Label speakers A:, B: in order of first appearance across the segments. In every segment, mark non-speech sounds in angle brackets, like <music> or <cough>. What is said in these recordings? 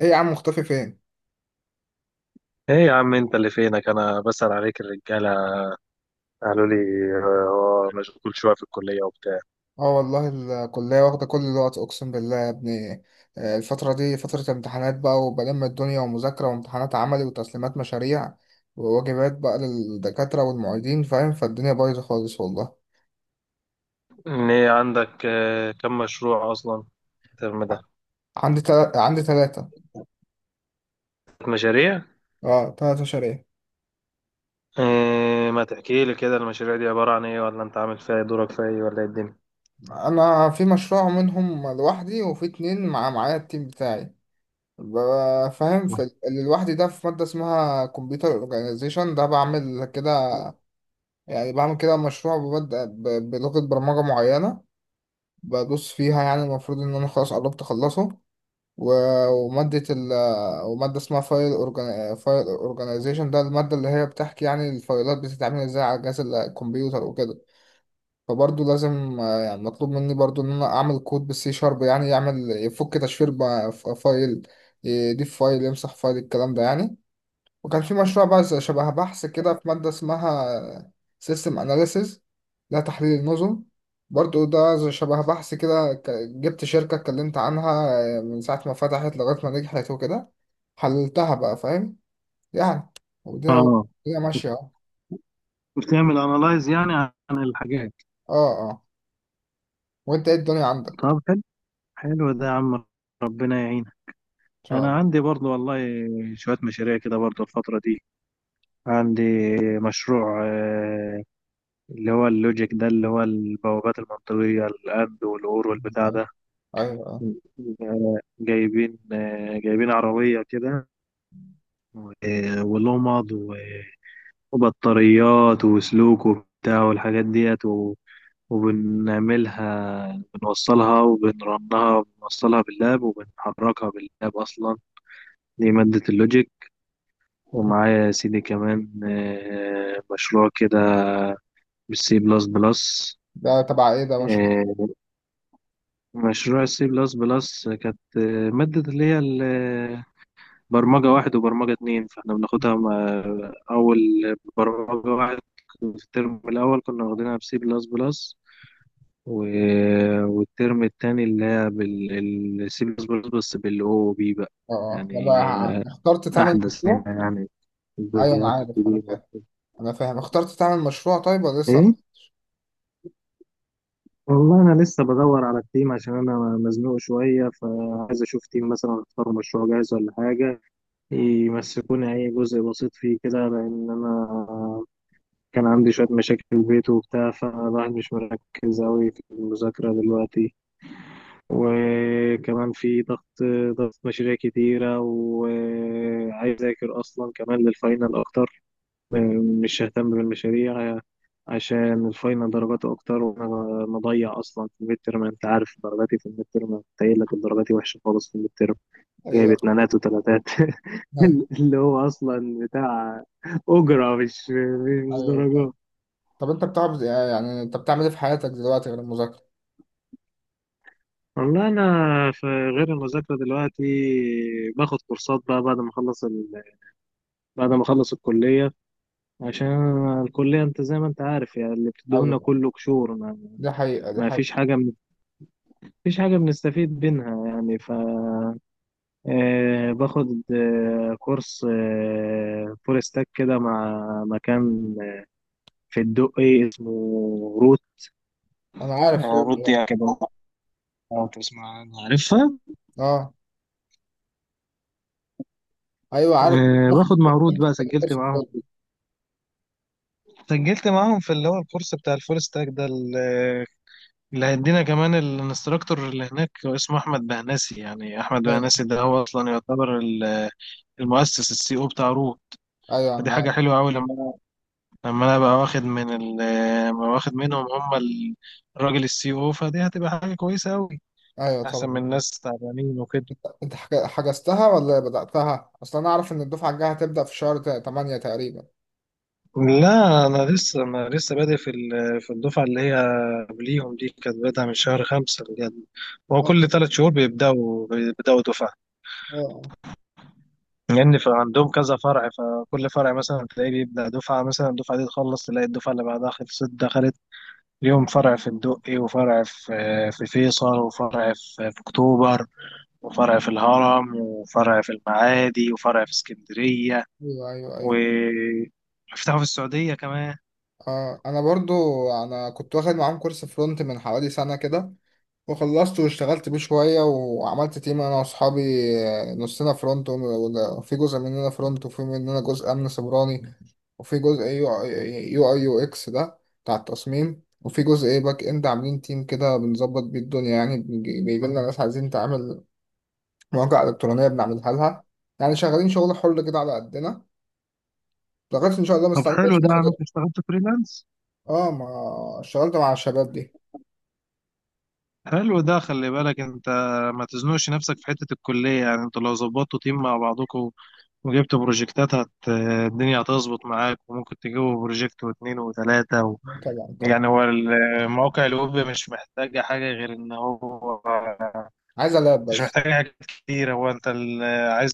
A: ايه يا عم مختفي فين؟
B: ايه يا عم، انت اللي فينك، انا بسأل عليك الرجاله قالوا لي مشغول شويه في الكليه وبتاع.
A: اه والله، الكلية واخدة كل الوقت اقسم بالله يا ابني. الفترة دي فترة امتحانات بقى وبلم الدنيا ومذاكرة وامتحانات عملي وتسليمات مشاريع وواجبات بقى للدكاترة والمعيدين فاهم، فالدنيا بايظة خالص والله.
B: ان ايه عندك كم مشروع اصلا الترم
A: ع-
B: ده؟
A: عندي تلاتة.
B: مشاريع.
A: اه تلات مشاريع.
B: إيه، ما تحكي لي كده المشاريع دي عباره عن ايه ولا انت عامل فيها إيه؟ دورك فيها ايه ولا ايه الدنيا؟
A: انا في مشروع منهم لوحدي وفي اتنين مع معايا التيم بتاعي. فاهم، في اللي لوحدي ده في مادة اسمها كمبيوتر اورجانيزيشن، ده بعمل كده، يعني بعمل كده مشروع، ببدأ بلغة برمجة معينة بدوس فيها، يعني المفروض إن أنا خلاص قربت أخلصه. و- ومادة ال ومادة اسمها فايل أورجانيزيشن، ده المادة اللي هي بتحكي يعني الفايلات بتتعمل إزاي على جهاز الكمبيوتر وكده. فبرضه لازم يعني مطلوب مني برضه إن أنا أعمل كود بالسي شارب يعني يعمل يفك تشفير فايل، يضيف فايل، يمسح فايل، الكلام ده يعني. وكان في مشروع بقى شبه بحث كده في مادة اسمها سيستم أناليسيز، ده تحليل النظم. برضو ده شبه بحث كده، جبت شركة اتكلمت عنها من ساعة ما فتحت لغاية ما نجحت وكده، حللتها بقى فاهم يعني. ودي
B: اه.
A: هي ماشية اهو.
B: بتعمل انالايز يعني عن الحاجات.
A: اه اه، وانت ايه الدنيا عندك؟
B: طب حلو، حلو ده يا عم، ربنا يعينك.
A: ان شاء
B: انا
A: الله.
B: عندي برضو والله شوية مشاريع كده برضو الفترة دي. عندي مشروع اللي هو اللوجيك ده، اللي هو البوابات المنطقية الأند والأور والبتاع
A: ايوه
B: ده.
A: ايوه،
B: جايبين عربية كده، ولمض، وبطاريات وسلوك وبتاع والحاجات ديت، وبنعملها بنوصلها وبنرنها بنوصلها باللاب وبنحركها باللاب أصلا. دي مادة اللوجيك. ومعايا يا سيدي كمان مشروع كده بالسي بلس بلس.
A: ده تبع ايه ده مشروع؟
B: آه، مشروع السي بلس بلس كانت مادة برمجة واحد وبرمجة اتنين، فاحنا أول برمجة واحد في الترم الأول كنا واخدينها بسي بلس بلس، والترم التاني اللي هي بالسي بلس بلس بس بالأو أو بي بقى.
A: اه اه، طب
B: يعني
A: اخترت تعمل
B: أحدث
A: مشروع؟
B: منها، يعني
A: ايوه انا
B: الفيرجنات
A: عارف، انا
B: الجديدة.
A: فاهم، انا فاهم. اخترت تعمل مشروع طيب ولا لسه؟
B: إيه؟ والله أنا لسه بدور على التيم عشان أنا مزنوق شوية، فعايز أشوف تيم مثلا أختار مشروع جاهز ولا حاجة يمسكوني أي جزء بسيط فيه كده، لأن أنا كان عندي شوية مشاكل في البيت وبتاع، فالواحد مش مركز أوي في المذاكرة دلوقتي. وكمان في ضغط مشاريع كتيرة، وعايز أذاكر أصلا كمان للفاينل أكتر. مش ههتم بالمشاريع عشان الفاينل درجاته أكتر، وأنا مضيع أصلا في الميد تيرم. أنت عارف درجاتي في الميد تيرم قليلة، درجاتي وحشة خالص في الميد ترم. جايب
A: ايوه
B: اتنينات وتلاتات
A: ايوه
B: <laughs> اللي هو اصلا بتاع اجره، مش
A: ايوه، فاهم.
B: درجات.
A: طب انت بتعمل يعني انت بتعمل ايه في حياتك دلوقتي غير المذاكره؟
B: والله انا في غير المذاكره دلوقتي باخد كورسات بقى بعد ما اخلص الكليه، عشان الكليه انت زي ما انت عارف يعني اللي بتديهولنا
A: ايوه،
B: كله قشور، ما...
A: دي حقيقه دي
B: ما فيش
A: حقيقه.
B: حاجه من... فيش حاجه بنستفيد منها يعني. ف آه باخد كورس فول ستاك كده مع مكان في الدقي اسمه
A: انا عارف ليه
B: رود
A: يعني.
B: يعني كده. لو تسمع أنا عارفها.
A: اه، ايوه عارف ليه بناخد
B: باخد مع رود بقى.
A: كورس تاني.
B: سجلت معاهم في اللي هو الكورس بتاع الفول ستاك ده اللي هيدينا كمان. الانستراكتور اللي هناك هو اسمه أحمد بهناسي، يعني أحمد
A: ايوه
B: بهناسي ده هو أصلا يعتبر المؤسس السي او بتاع رود.
A: ايوه
B: فدي
A: انا عارف.
B: حاجة حلوة أوي لما أنا بقى واخد منهم، هم الراجل السي او. فدي هتبقى حاجة كويسة أوي.
A: ايوه
B: أحسن
A: طبعا.
B: من ناس تعبانين وكده.
A: انت حجزتها ولا بداتها اصلا؟ انا اعرف ان الدفعه الجايه هتبدا في شهر 8 تقريبا.
B: لا، انا لسه بادئ في الدفعه اللي هي قبليهم، دي كانت بادئه من شهر 5 بجد. هو
A: اه
B: كل 3 شهور بيبداوا دفعه.
A: اه،
B: لان يعني عندهم كذا فرع، فكل فرع مثلا تلاقيه بيبدا دفعه، مثلا الدفعه دي تخلص تلاقي الدفعه اللي بعدها خلصت دخلت اليوم. فرع في الدقي، وفرع في فيصل، وفرع في اكتوبر، وفرع في الهرم، وفرع في المعادي، وفرع في اسكندريه،
A: ايوه ايوه
B: و
A: ايوه.
B: فتحوا في السعوديه كمان.
A: اه انا برضو، انا كنت واخد معاهم كورس فرونت من حوالي سنه كده، وخلصت واشتغلت بيه شوية وعملت تيم أنا وأصحابي. نصنا فرونت، وفي جزء مننا فرونت، وفي مننا جزء أمن سيبراني، وفي جزء يو أي يو إكس ده بتاع التصميم، وفي جزء إيه باك إند، عاملين تيم كده بنظبط بيه الدنيا، يعني بيجي لنا ناس عايزين تعمل مواقع إلكترونية بنعملها لها، يعني شغالين شغل حر كده على قدنا لغاية إن شاء الله
B: طب
A: مستعد
B: حلو
A: بس
B: ده.
A: ناخد.
B: انا اشتغلت فريلانس.
A: آه، ما اشتغلت مع الشباب دي
B: حلو ده، خلي بالك انت ما تزنقش نفسك في حتة الكلية. يعني انتوا لو ظبطتوا تيم مع بعضكم وجبتوا بروجكتات الدنيا هتظبط معاك، وممكن تجيبوا بروجكت واتنين وتلاتة
A: طبعا طبعا.
B: يعني هو المواقع الويب مش محتاجة حاجة غير ان هو
A: عايز ألعب
B: مش
A: بس،
B: محتاجة حاجة كتير. هو عايز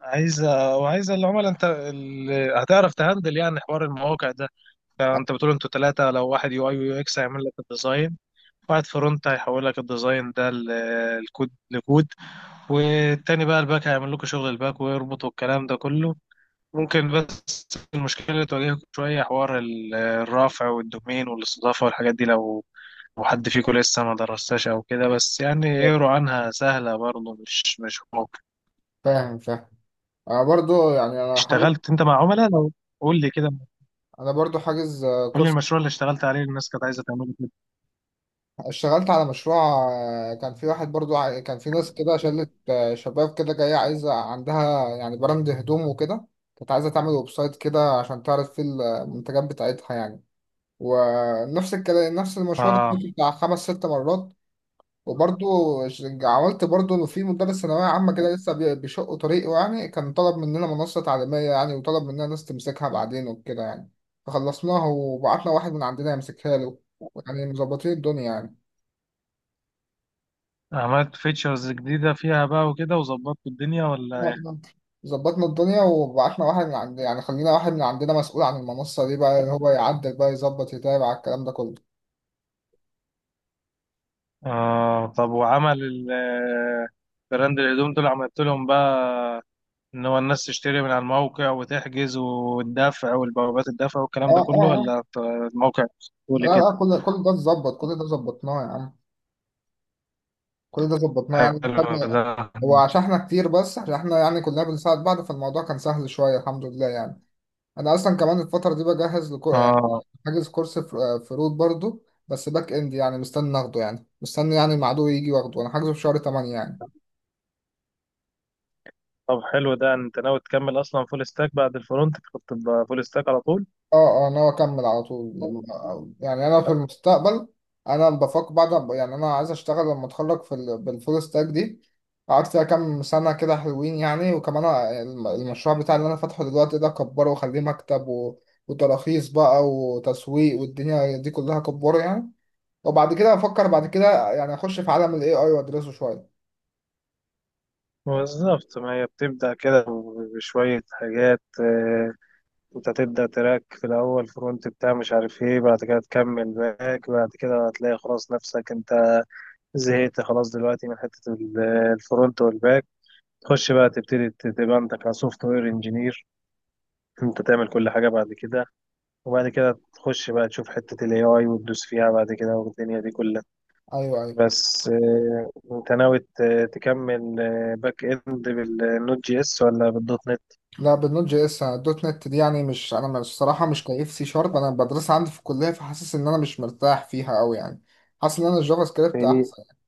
B: عايز وعايز العملاء. هتعرف تهندل يعني حوار المواقع ده. فانت بتقول انتوا تلاتة، لو واحد يو اي ويو اكس هيعمل لك الديزاين، واحد فرونت هيحول لك الديزاين ده الكود لكود، والتاني بقى الباك هيعمل لكم شغل الباك ويربطوا الكلام ده كله. ممكن بس المشكلة اللي تواجهكم شوية حوار الرافع والدومين والاستضافة والحاجات دي، لو حد فيكم لسه ما درستهاش أو كده، بس يعني اقروا عنها سهلة برضه، مش ممكن.
A: فاهم فاهم. انا برضو يعني انا حاجز،
B: اشتغلت أنت مع عملاء؟ لو قول لي كده
A: انا برضو حاجز
B: قول لي
A: كورس.
B: المشروع اللي اشتغلت عليه الناس كانت عايزة تعمله كده.
A: اشتغلت على مشروع، كان في واحد برضو كان في ناس كده شلة شباب كده جاية عايزة عندها يعني براند هدوم وكده، كانت عايزة تعمل ويب سايت كده عشان تعرض فيه المنتجات بتاعتها يعني. ونفس الكلام، نفس المشروع ده كنت
B: اه.
A: بتاع خمس ست مرات. وبرضو عملت برضو إنه في مدرس ثانوية عامة كده لسه بيشق طريقه يعني، كان طلب مننا منصة تعليمية يعني، وطلب مننا ناس تمسكها بعدين وكده يعني، فخلصناها وبعتنا واحد من عندنا يمسكها له، يعني مظبطين الدنيا يعني.
B: عملت فيتشرز جديدة فيها بقى وكده وظبطت الدنيا ولا؟
A: آه، ظبطنا الدنيا وبعتنا واحد من عند، يعني خلينا واحد من عندنا مسؤول عن المنصة دي بقى، اللي هو يعدل بقى، يظبط، يتابع الكلام ده كله.
B: آه. طب وعمل ال- آه، براند الهدوم دول عملت لهم بقى ان هو الناس تشتري من على الموقع وتحجز والدفع والبوابات الدفع
A: اه
B: والكلام ده
A: اه
B: كله،
A: اه،
B: ولا أنت الموقع
A: لا
B: تقولي كده؟
A: لا، كل ده اتظبط، كل ده ظبطناه يا عم. كل ده ظبطناه. يعني خدنا،
B: حلو ده.
A: هو عشان احنا كتير، بس عشان احنا يعني كلنا بنساعد بعض، فالموضوع كان سهل شوية الحمد لله يعني. أنا أصلا كمان الفترة دي بجهز لكو يعني،
B: اه.
A: حاجز كورس فروت برضو، بس باك إند يعني، مستني آخده يعني، مستني يعني مع عدوي يجي واخده، أنا حاجزه في شهر 8 يعني.
B: طب حلو ده، انت ناوي تكمل اصلا فول ستاك بعد الفرونت؟ كنت تبقى فول ستاك على طول.
A: اه اه، ناوي اكمل على طول يعني انا في المستقبل انا بفكر بعد يعني انا عايز اشتغل لما اتخرج في بالفول ستاك دي، قعدت فيها كام سنه كده حلوين يعني. وكمان المشروع بتاعي اللي انا فاتحه دلوقتي ده كبره وخليه مكتب، وتراخيص بقى وتسويق والدنيا دي كلها كبره يعني. وبعد كده افكر بعد كده يعني اخش في عالم الاي اي وادرسه شويه.
B: بالظبط، ما هي بتبدا كده بشويه حاجات. انت تبدا تراك في الاول فرونت بتاع مش عارف ايه، بعد كده تكمل باك، بعد كده هتلاقي خلاص نفسك انت زهقت خلاص دلوقتي من حتة الفرونت والباك، تخش بقى تبتدي تبقى انت كسوفت وير انجينير. انت تعمل كل حاجة بعد كده، وبعد كده تخش بقى تشوف حتة الاي اي وتدوس فيها بعد كده والدنيا دي كلها.
A: ايوه ايوه.
B: بس انت ناوي تكمل باك اند بالنوت جي اس ولا بالدوت نت؟
A: لا بالنوت جي اس. الدوت نت دي يعني مش انا مش- الصراحه مش كيف، سي شارب انا بدرسها عندي في الكليه فحاسس ان انا مش مرتاح فيها قوي يعني، حاسس ان انا الجافا
B: في
A: سكريبت
B: ايه
A: احسن يعني.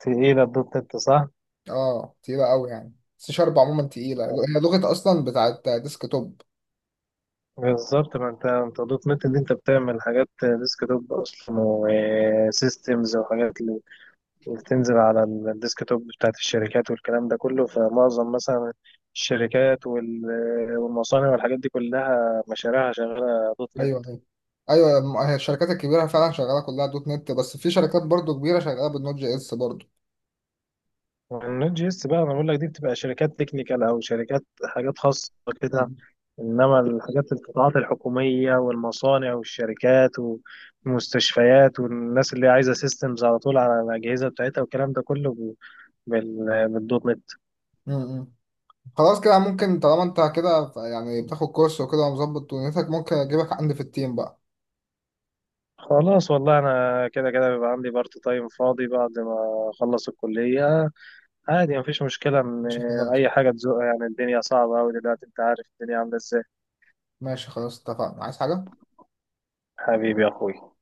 B: في ايه الدوت نت صح؟
A: اه تقيله قوي يعني، سي شارب عموما تقيله، هي لغه اصلا بتاعت ديسك توب.
B: بالظبط، ما انت دوت نت اللي انت بتعمل حاجات ديسك توب اصلا وسيستمز وحاجات، وبتنزل على الديسكتوب بتاعت الشركات والكلام ده كله. فمعظم مثلا الشركات والمصانع والحاجات دي كلها مشاريعها شغالة دوت نت.
A: ايوه ايوه ايوه. هي الشركات الكبيره فعلا شغاله كلها دوت نت، بس في شركات برضو كبيره شغاله بالنوت جي اس برضو.
B: النوت جي اس بقى، انا بقول لك دي بتبقى شركات تكنيكال او شركات حاجات خاصة كده.
A: م-
B: انما القطاعات الحكومية والمصانع والشركات والمستشفيات والناس اللي عايزة سيستمز على طول على الأجهزة بتاعتها والكلام ده كله بالدوت نت.
A: م. خلاص كده ممكن، طالما انت كده يعني بتاخد كورس وكده ومظبط دنيتك، ممكن اجيبك عندي في التيم بقى.
B: خلاص. والله انا كده كده بيبقى عندي بارت تايم فاضي بعد ما اخلص الكليه. عادي مفيش مشكله ان
A: ماشي
B: اي
A: خلاص.
B: حاجه تزق يعني، الدنيا صعبه قوي دلوقتي، انت عارف الدنيا عامله ازاي.
A: ماشي خلاص اتفقنا. عايز حاجه؟
B: حبيبي يا اخوي.